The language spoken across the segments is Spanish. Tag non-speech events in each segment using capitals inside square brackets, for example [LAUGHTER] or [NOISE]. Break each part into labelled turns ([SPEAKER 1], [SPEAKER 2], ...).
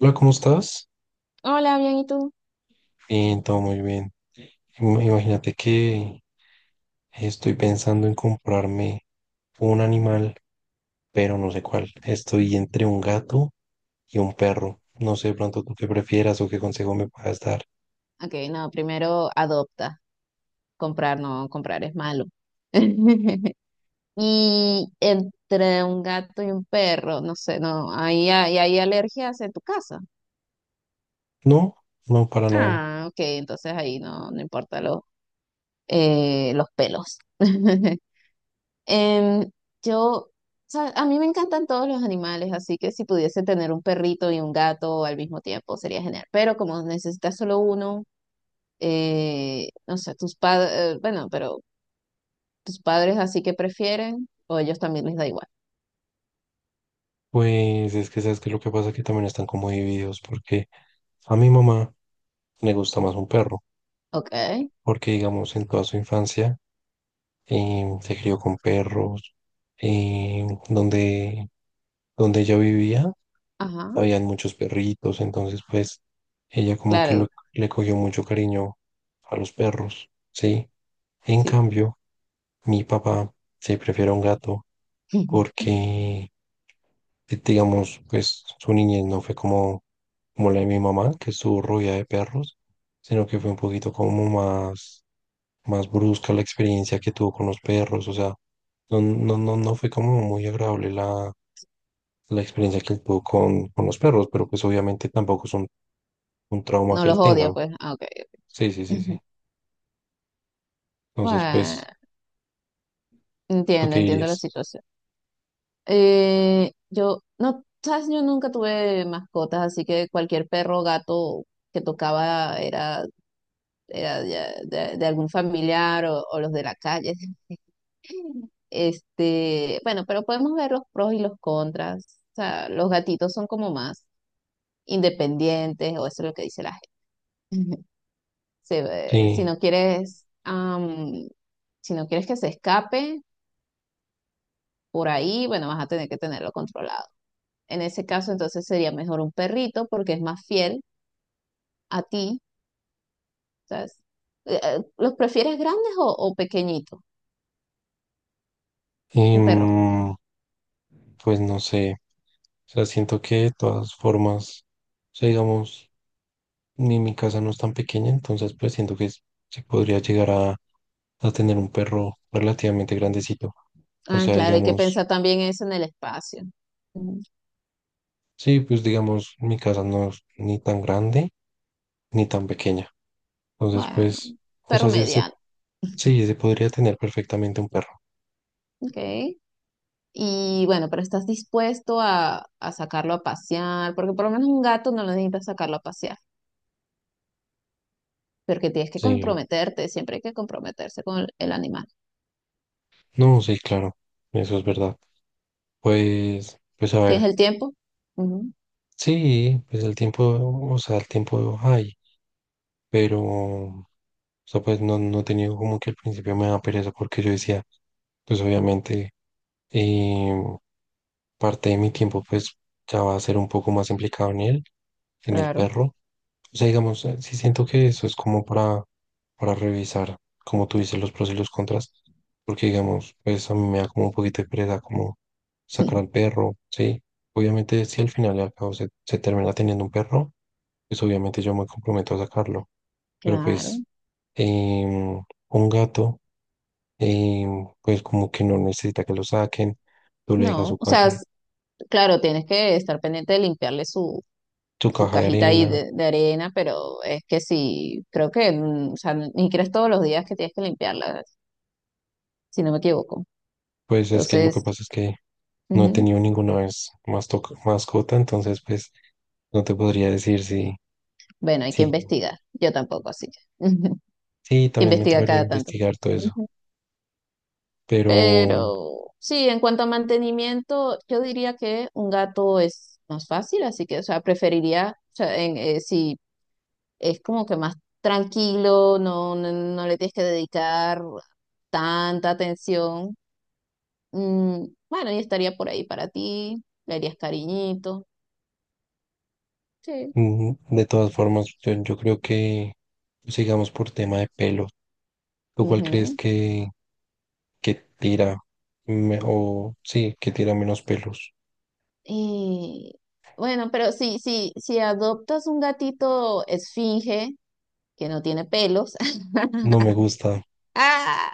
[SPEAKER 1] Hola, ¿cómo estás?
[SPEAKER 2] Hola, bien, ¿y tú?
[SPEAKER 1] Bien, todo muy bien. Imagínate que estoy pensando en comprarme un animal, pero no sé cuál. Estoy entre un gato y un perro. No sé de pronto tú qué prefieras o qué consejo me puedas dar.
[SPEAKER 2] Ok, no, primero adopta. Comprar, no, comprar es malo. [LAUGHS] Y entre un gato y un perro, no sé, no, ahí hay alergias en tu casa.
[SPEAKER 1] No, no, para nada.
[SPEAKER 2] Ah, ok, entonces ahí no, no importa los pelos. [LAUGHS] Em, yo, o sea, a mí me encantan todos los animales, así que si pudiese tener un perrito y un gato al mismo tiempo sería genial. Pero como necesitas solo uno, no sé, tus padres, bueno, pero ¿tus padres así que prefieren o ellos también les da igual?
[SPEAKER 1] Pues es que sabes que lo que pasa es que también están como divididos porque a mi mamá le gusta más un perro,
[SPEAKER 2] Ok,
[SPEAKER 1] porque digamos en toda su infancia se crió con perros, eh, donde, donde ella vivía
[SPEAKER 2] ajá,
[SPEAKER 1] habían muchos perritos, entonces pues ella como que
[SPEAKER 2] claro,
[SPEAKER 1] le cogió mucho cariño a los perros, ¿sí? En
[SPEAKER 2] sí.
[SPEAKER 1] cambio, mi papá se prefiere a un gato
[SPEAKER 2] [LAUGHS]
[SPEAKER 1] porque, digamos, pues su niñez no fue como, como la de mi mamá, que estuvo rodeada de perros, sino que fue un poquito como más, más brusca la experiencia que tuvo con los perros, o sea, no, no, no, no fue como muy agradable la, la experiencia que él tuvo con los perros, pero pues obviamente tampoco es un trauma
[SPEAKER 2] No
[SPEAKER 1] que
[SPEAKER 2] los
[SPEAKER 1] él
[SPEAKER 2] odia,
[SPEAKER 1] tenga.
[SPEAKER 2] pues. Ah, ok.
[SPEAKER 1] Sí, sí, sí, sí.
[SPEAKER 2] Ujú.
[SPEAKER 1] Entonces,
[SPEAKER 2] Bueno,
[SPEAKER 1] pues, ¿tú
[SPEAKER 2] entiendo,
[SPEAKER 1] qué
[SPEAKER 2] entiendo la
[SPEAKER 1] dirías?
[SPEAKER 2] situación. Yo, no, sabes, yo nunca tuve mascotas, así que cualquier perro o gato que tocaba era, era de algún familiar o los de la calle. [LAUGHS] Este, bueno, pero podemos ver los pros y los contras. O sea, los gatitos son como más independientes, o eso es lo que dice la gente. [LAUGHS] Se ve- si
[SPEAKER 1] Sí,
[SPEAKER 2] no quieres, am, si no quieres que se escape por ahí, bueno, vas a tener que tenerlo controlado. En ese caso, entonces sería mejor un perrito porque es más fiel a ti, ¿sabes? ¿Los prefieres grandes o pequeñitos?
[SPEAKER 1] y
[SPEAKER 2] Un perro.
[SPEAKER 1] pues no sé, o sea, siento que de todas formas, o sea, digamos, ni mi casa no es tan pequeña, entonces pues siento que se podría llegar a tener un perro relativamente grandecito. O
[SPEAKER 2] Ah,
[SPEAKER 1] sea,
[SPEAKER 2] claro, hay que
[SPEAKER 1] digamos,
[SPEAKER 2] pensar también eso en el espacio. Mm,
[SPEAKER 1] sí, pues digamos, mi casa no es ni tan grande ni tan pequeña. Entonces,
[SPEAKER 2] bueno,
[SPEAKER 1] pues, o
[SPEAKER 2] perro
[SPEAKER 1] sea, se-
[SPEAKER 2] mediano,
[SPEAKER 1] sí, se podría tener perfectamente un perro.
[SPEAKER 2] ok. Y bueno, pero estás dispuesto a sacarlo a pasear, porque por lo menos un gato no lo necesitas sacarlo a pasear porque tienes que
[SPEAKER 1] Sí,
[SPEAKER 2] comprometerte, siempre hay que comprometerse con el animal.
[SPEAKER 1] no, sí, claro, eso es verdad. Pues, pues a
[SPEAKER 2] ¿Tienes
[SPEAKER 1] ver,
[SPEAKER 2] el tiempo? Ujú,
[SPEAKER 1] sí, pues el tiempo, o sea, el tiempo hay, pero, o sea, pues no, no he tenido como que al principio me da pereza porque yo decía, pues obviamente eh, parte de mi tiempo pues ya va a ser un poco más implicado en él, en el
[SPEAKER 2] claro.
[SPEAKER 1] perro. O sea, digamos, sí siento que eso es como para revisar, como tú dices, los pros y los contras, porque digamos, pues a mí me da como un poquito de pereza como sacar al
[SPEAKER 2] [LAUGHS]
[SPEAKER 1] perro, ¿sí? Obviamente, si al final y al cabo se termina teniendo un perro, pues obviamente yo me comprometo a sacarlo, pero
[SPEAKER 2] Claro.
[SPEAKER 1] pues em, un gato, pues como que no necesita que lo saquen, tú le dejas
[SPEAKER 2] No, o sea, claro, tienes que estar pendiente de limpiarle su,
[SPEAKER 1] su
[SPEAKER 2] su
[SPEAKER 1] caja de
[SPEAKER 2] cajita ahí
[SPEAKER 1] arena,
[SPEAKER 2] de arena, pero es que sí, creo que, mm, o sea, ni crees todos los días que tienes que limpiarla, si no me equivoco.
[SPEAKER 1] pues es que lo que
[SPEAKER 2] Entonces,
[SPEAKER 1] pasa es que no he
[SPEAKER 2] ujú,
[SPEAKER 1] tenido ninguna vez más mascota, entonces pues no te podría decir si,
[SPEAKER 2] bueno, hay que
[SPEAKER 1] sí,
[SPEAKER 2] investigar. Yo tampoco, así que,
[SPEAKER 1] sí,
[SPEAKER 2] [LAUGHS] que
[SPEAKER 1] también me
[SPEAKER 2] investiga
[SPEAKER 1] tocaría
[SPEAKER 2] cada tanto.
[SPEAKER 1] investigar todo eso, pero
[SPEAKER 2] Pero sí, en cuanto a mantenimiento, yo diría que un gato es más fácil, así que, o sea, preferiría, o sea, si es como que más tranquilo, no, no, no le tienes que dedicar tanta atención. Mm, bueno, y estaría por ahí para ti, le harías cariñito. Sí.
[SPEAKER 1] de todas formas, yo creo que pues, sigamos por tema de pelo. ¿Tú cuál crees
[SPEAKER 2] Ujú.
[SPEAKER 1] que tira? O sí, que tira menos pelos.
[SPEAKER 2] Y bueno, pero si adoptas un gatito esfinge que no tiene pelos,
[SPEAKER 1] No
[SPEAKER 2] [LAUGHS]
[SPEAKER 1] me gusta,
[SPEAKER 2] ¡ah!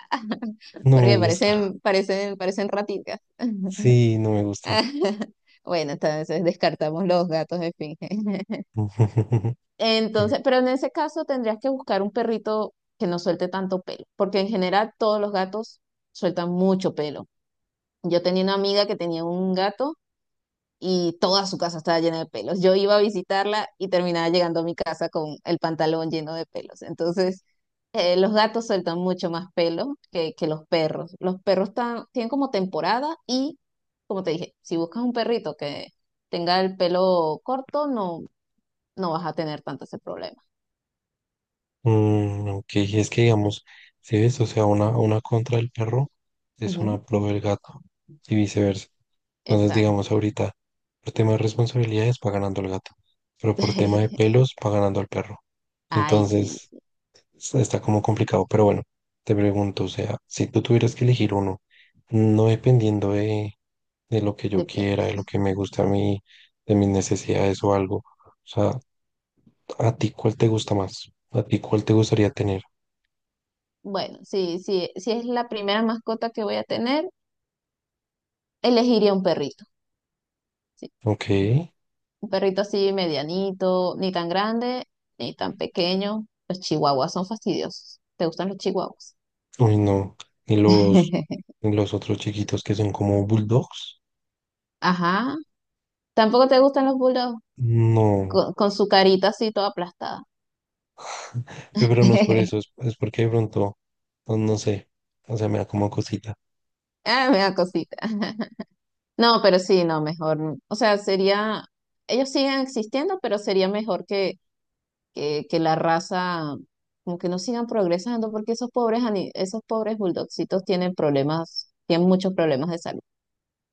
[SPEAKER 1] no me
[SPEAKER 2] Porque
[SPEAKER 1] gusta,
[SPEAKER 2] parecen ratitas.
[SPEAKER 1] sí, no me gusta.
[SPEAKER 2] [LAUGHS] Bueno, entonces descartamos los gatos esfinge. [LAUGHS]
[SPEAKER 1] [LAUGHS]
[SPEAKER 2] Entonces, pero en ese caso tendrías que buscar un perrito que no suelte tanto pelo, porque en general todos los gatos sueltan mucho pelo. Yo tenía una amiga que tenía un gato y toda su casa estaba llena de pelos. Yo iba a visitarla y terminaba llegando a mi casa con el pantalón lleno de pelos. Entonces, los gatos sueltan mucho más pelo que los perros. Los perros tienen como temporada y, como te dije, si buscas un perrito que tenga el pelo corto, no, no vas a tener tanto ese problema.
[SPEAKER 1] Mm, ok, es que digamos, si ves, o sea, una contra el perro es
[SPEAKER 2] Ujú,
[SPEAKER 1] una pro del gato y viceversa. Entonces,
[SPEAKER 2] exacto.
[SPEAKER 1] digamos, ahorita, por tema de responsabilidades va ganando el gato, pero por tema de
[SPEAKER 2] [LAUGHS]
[SPEAKER 1] pelos va ganando el perro.
[SPEAKER 2] Ay, sí,
[SPEAKER 1] Entonces,
[SPEAKER 2] sí,
[SPEAKER 1] es- está como complicado, pero bueno, te pregunto, o sea, si tú tuvieras que elegir uno, no dependiendo de lo que
[SPEAKER 2] de
[SPEAKER 1] yo quiera, de
[SPEAKER 2] pelos.
[SPEAKER 1] lo que me gusta a mí, de mis necesidades o algo, o sea, ¿a ti cuál te gusta más? ¿A ti cuál te gustaría tener?
[SPEAKER 2] Bueno, sí, sí, si es la primera mascota que voy a tener, elegiría un perrito. Sí.
[SPEAKER 1] Ok.
[SPEAKER 2] Un perrito así medianito, ni tan grande, ni tan pequeño. Los chihuahuas son fastidiosos. ¿Te gustan los chihuahuas?
[SPEAKER 1] Uy, no. Y los,
[SPEAKER 2] [LAUGHS]
[SPEAKER 1] y los otros chiquitos que son como bulldogs.
[SPEAKER 2] Ajá. ¿Tampoco te gustan los bulldogs?
[SPEAKER 1] No.
[SPEAKER 2] Con su carita así toda aplastada.
[SPEAKER 1] Pero no es por eso,
[SPEAKER 2] [LAUGHS]
[SPEAKER 1] es porque de pronto, pues, no sé. O sea, me da como cosita.
[SPEAKER 2] Ah, me da cosita. [LAUGHS] No, pero sí, no, mejor. O sea, sería, ellos siguen existiendo, pero sería mejor que, que la raza, como que no sigan progresando, porque esos pobres, esos pobres bulldogcitos tienen problemas, tienen muchos problemas de salud.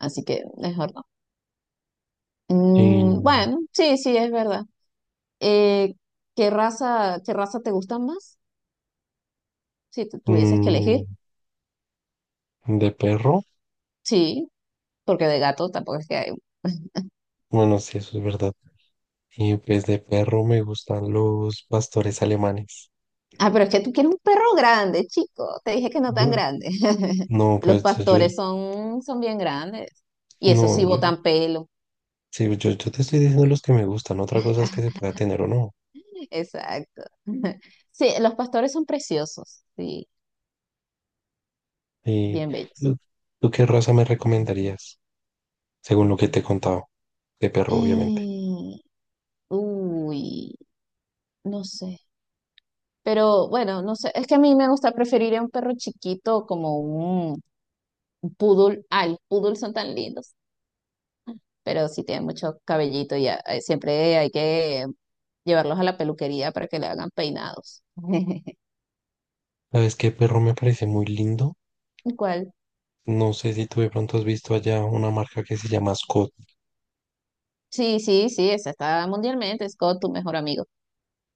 [SPEAKER 2] Así que mejor.
[SPEAKER 1] Y
[SPEAKER 2] Mm,
[SPEAKER 1] no.
[SPEAKER 2] bueno, sí, sí, es verdad. Eh, qué raza te gusta más? Si te tuvieses que
[SPEAKER 1] Mm,
[SPEAKER 2] elegir.
[SPEAKER 1] de perro.
[SPEAKER 2] Sí, porque de gato tampoco es que hay. [LAUGHS]
[SPEAKER 1] Bueno, sí, eso es verdad. Y pues de perro me gustan los pastores alemanes.
[SPEAKER 2] Ah, pero es que tú quieres un perro grande, chico. Te dije que no tan
[SPEAKER 1] Bu-
[SPEAKER 2] grande. [LAUGHS]
[SPEAKER 1] No,
[SPEAKER 2] Los
[SPEAKER 1] pues yo,
[SPEAKER 2] pastores son, son bien grandes. Y eso
[SPEAKER 1] no,
[SPEAKER 2] sí,
[SPEAKER 1] yo,
[SPEAKER 2] botan pelo.
[SPEAKER 1] sí, yo te estoy diciendo los que me gustan. Otra cosa es que se
[SPEAKER 2] [LAUGHS]
[SPEAKER 1] pueda tener o no.
[SPEAKER 2] Exacto. [LAUGHS] Sí, los pastores son preciosos. Sí,
[SPEAKER 1] Y,
[SPEAKER 2] bien bellos.
[SPEAKER 1] ¿tú tú qué raza me recomendarías? Según lo que te he contado, de perro, obviamente.
[SPEAKER 2] Eh, uy, no sé. Pero bueno, no sé, es que a mí me gusta preferir a un perro chiquito como un poodle. Ah, los poodles son tan lindos, pero sí tienen mucho cabellito y siempre hay que llevarlos a la peluquería para que le hagan peinados. [LAUGHS]
[SPEAKER 1] ¿Sabes qué perro me parece muy lindo?
[SPEAKER 2] ¿Cuál?
[SPEAKER 1] No sé si tú de pronto has visto allá una marca que se llama Scott.
[SPEAKER 2] Sí, sí, sí, esa está mundialmente, Scott, tu mejor amigo.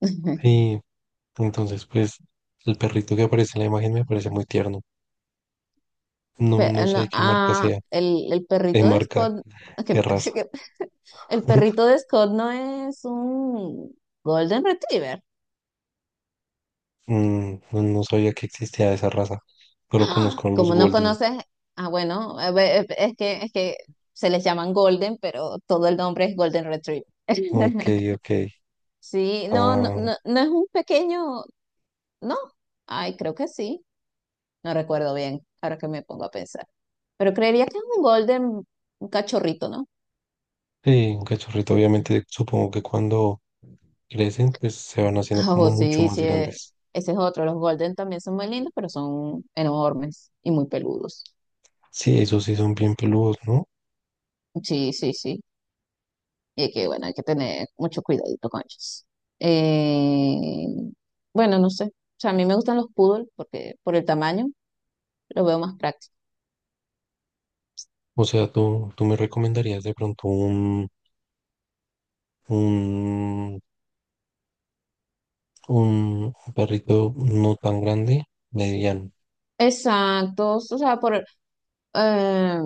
[SPEAKER 2] [LAUGHS]
[SPEAKER 1] Sí, entonces pues el perrito que aparece en la imagen me parece muy tierno. No, no
[SPEAKER 2] No,
[SPEAKER 1] sé qué marca
[SPEAKER 2] ah,
[SPEAKER 1] sea,
[SPEAKER 2] el
[SPEAKER 1] qué
[SPEAKER 2] perrito de
[SPEAKER 1] marca,
[SPEAKER 2] Scott, [LAUGHS]
[SPEAKER 1] qué
[SPEAKER 2] que-
[SPEAKER 1] raza.
[SPEAKER 2] que- el
[SPEAKER 1] [LAUGHS]
[SPEAKER 2] perrito de Scott no es un Golden Retriever.
[SPEAKER 1] Mm, no, no sabía que existía esa raza,
[SPEAKER 2] [GASPS]
[SPEAKER 1] pero
[SPEAKER 2] ¡Ah!
[SPEAKER 1] conozco a los
[SPEAKER 2] Como no
[SPEAKER 1] Golden.
[SPEAKER 2] conoces, ah, bueno, a ver, es que se les llaman Golden, pero todo el nombre es Golden Retriever.
[SPEAKER 1] Ok,
[SPEAKER 2] [LAUGHS]
[SPEAKER 1] ok.
[SPEAKER 2] Sí, no, no,
[SPEAKER 1] Ah,
[SPEAKER 2] no, no es un pequeño, no, ay, creo que sí, no recuerdo bien, ahora que me pongo a pensar, pero creería que es un golden, un cachorrito, ¿no?
[SPEAKER 1] sí, un cachorrito, obviamente supongo que cuando crecen pues se van haciendo
[SPEAKER 2] [LAUGHS]
[SPEAKER 1] como
[SPEAKER 2] Oh,
[SPEAKER 1] mucho
[SPEAKER 2] sí,
[SPEAKER 1] más
[SPEAKER 2] sí,
[SPEAKER 1] grandes.
[SPEAKER 2] ese es otro, los golden también son muy lindos, pero son enormes y muy peludos.
[SPEAKER 1] Sí, esos sí son bien peludos, ¿no?
[SPEAKER 2] Sí, sí, sí. Y que bueno, hay que tener mucho cuidadito con ellos. Eh, bueno, no sé. O sea, a mí me gustan los poodle porque por el tamaño los veo más prácticos.
[SPEAKER 1] O sea, tú me recomendarías de pronto un, un perrito no tan grande, mediano.
[SPEAKER 2] Exactos, eh,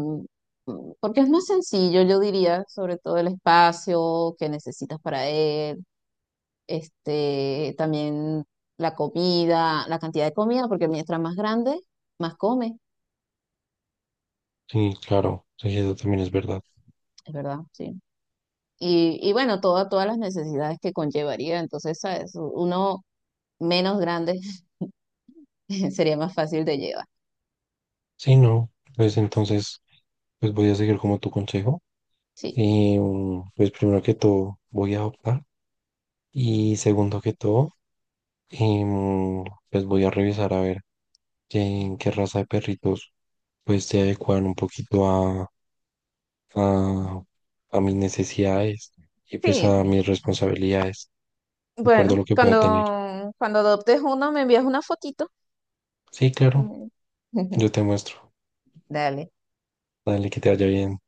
[SPEAKER 2] porque es más sencillo, yo diría, sobre todo el espacio que necesitas para él, este, también la comida, la cantidad de comida, porque mientras más grande, más come,
[SPEAKER 1] Sí, claro, sí, eso también es verdad.
[SPEAKER 2] es verdad, sí. Y bueno, todas las necesidades que conllevaría. Entonces, ¿sabes? Uno menos grande [LAUGHS] sería más fácil de llevar.
[SPEAKER 1] Sí, no, pues entonces, pues voy a seguir como tu consejo.
[SPEAKER 2] Sí.
[SPEAKER 1] Y pues primero que todo, voy a adoptar. Y segundo que todo, em, pues voy a revisar a ver qué, qué raza de perritos pues se adecuan un poquito a, a mis necesidades y pues a
[SPEAKER 2] Sí,
[SPEAKER 1] mis responsabilidades, de acuerdo
[SPEAKER 2] bueno,
[SPEAKER 1] a lo que pueda tener.
[SPEAKER 2] cuando, cuando adoptes uno me envías una fotito.
[SPEAKER 1] Sí, claro,
[SPEAKER 2] Y [LAUGHS]
[SPEAKER 1] yo te muestro.
[SPEAKER 2] dale.
[SPEAKER 1] Dale, que te vaya bien.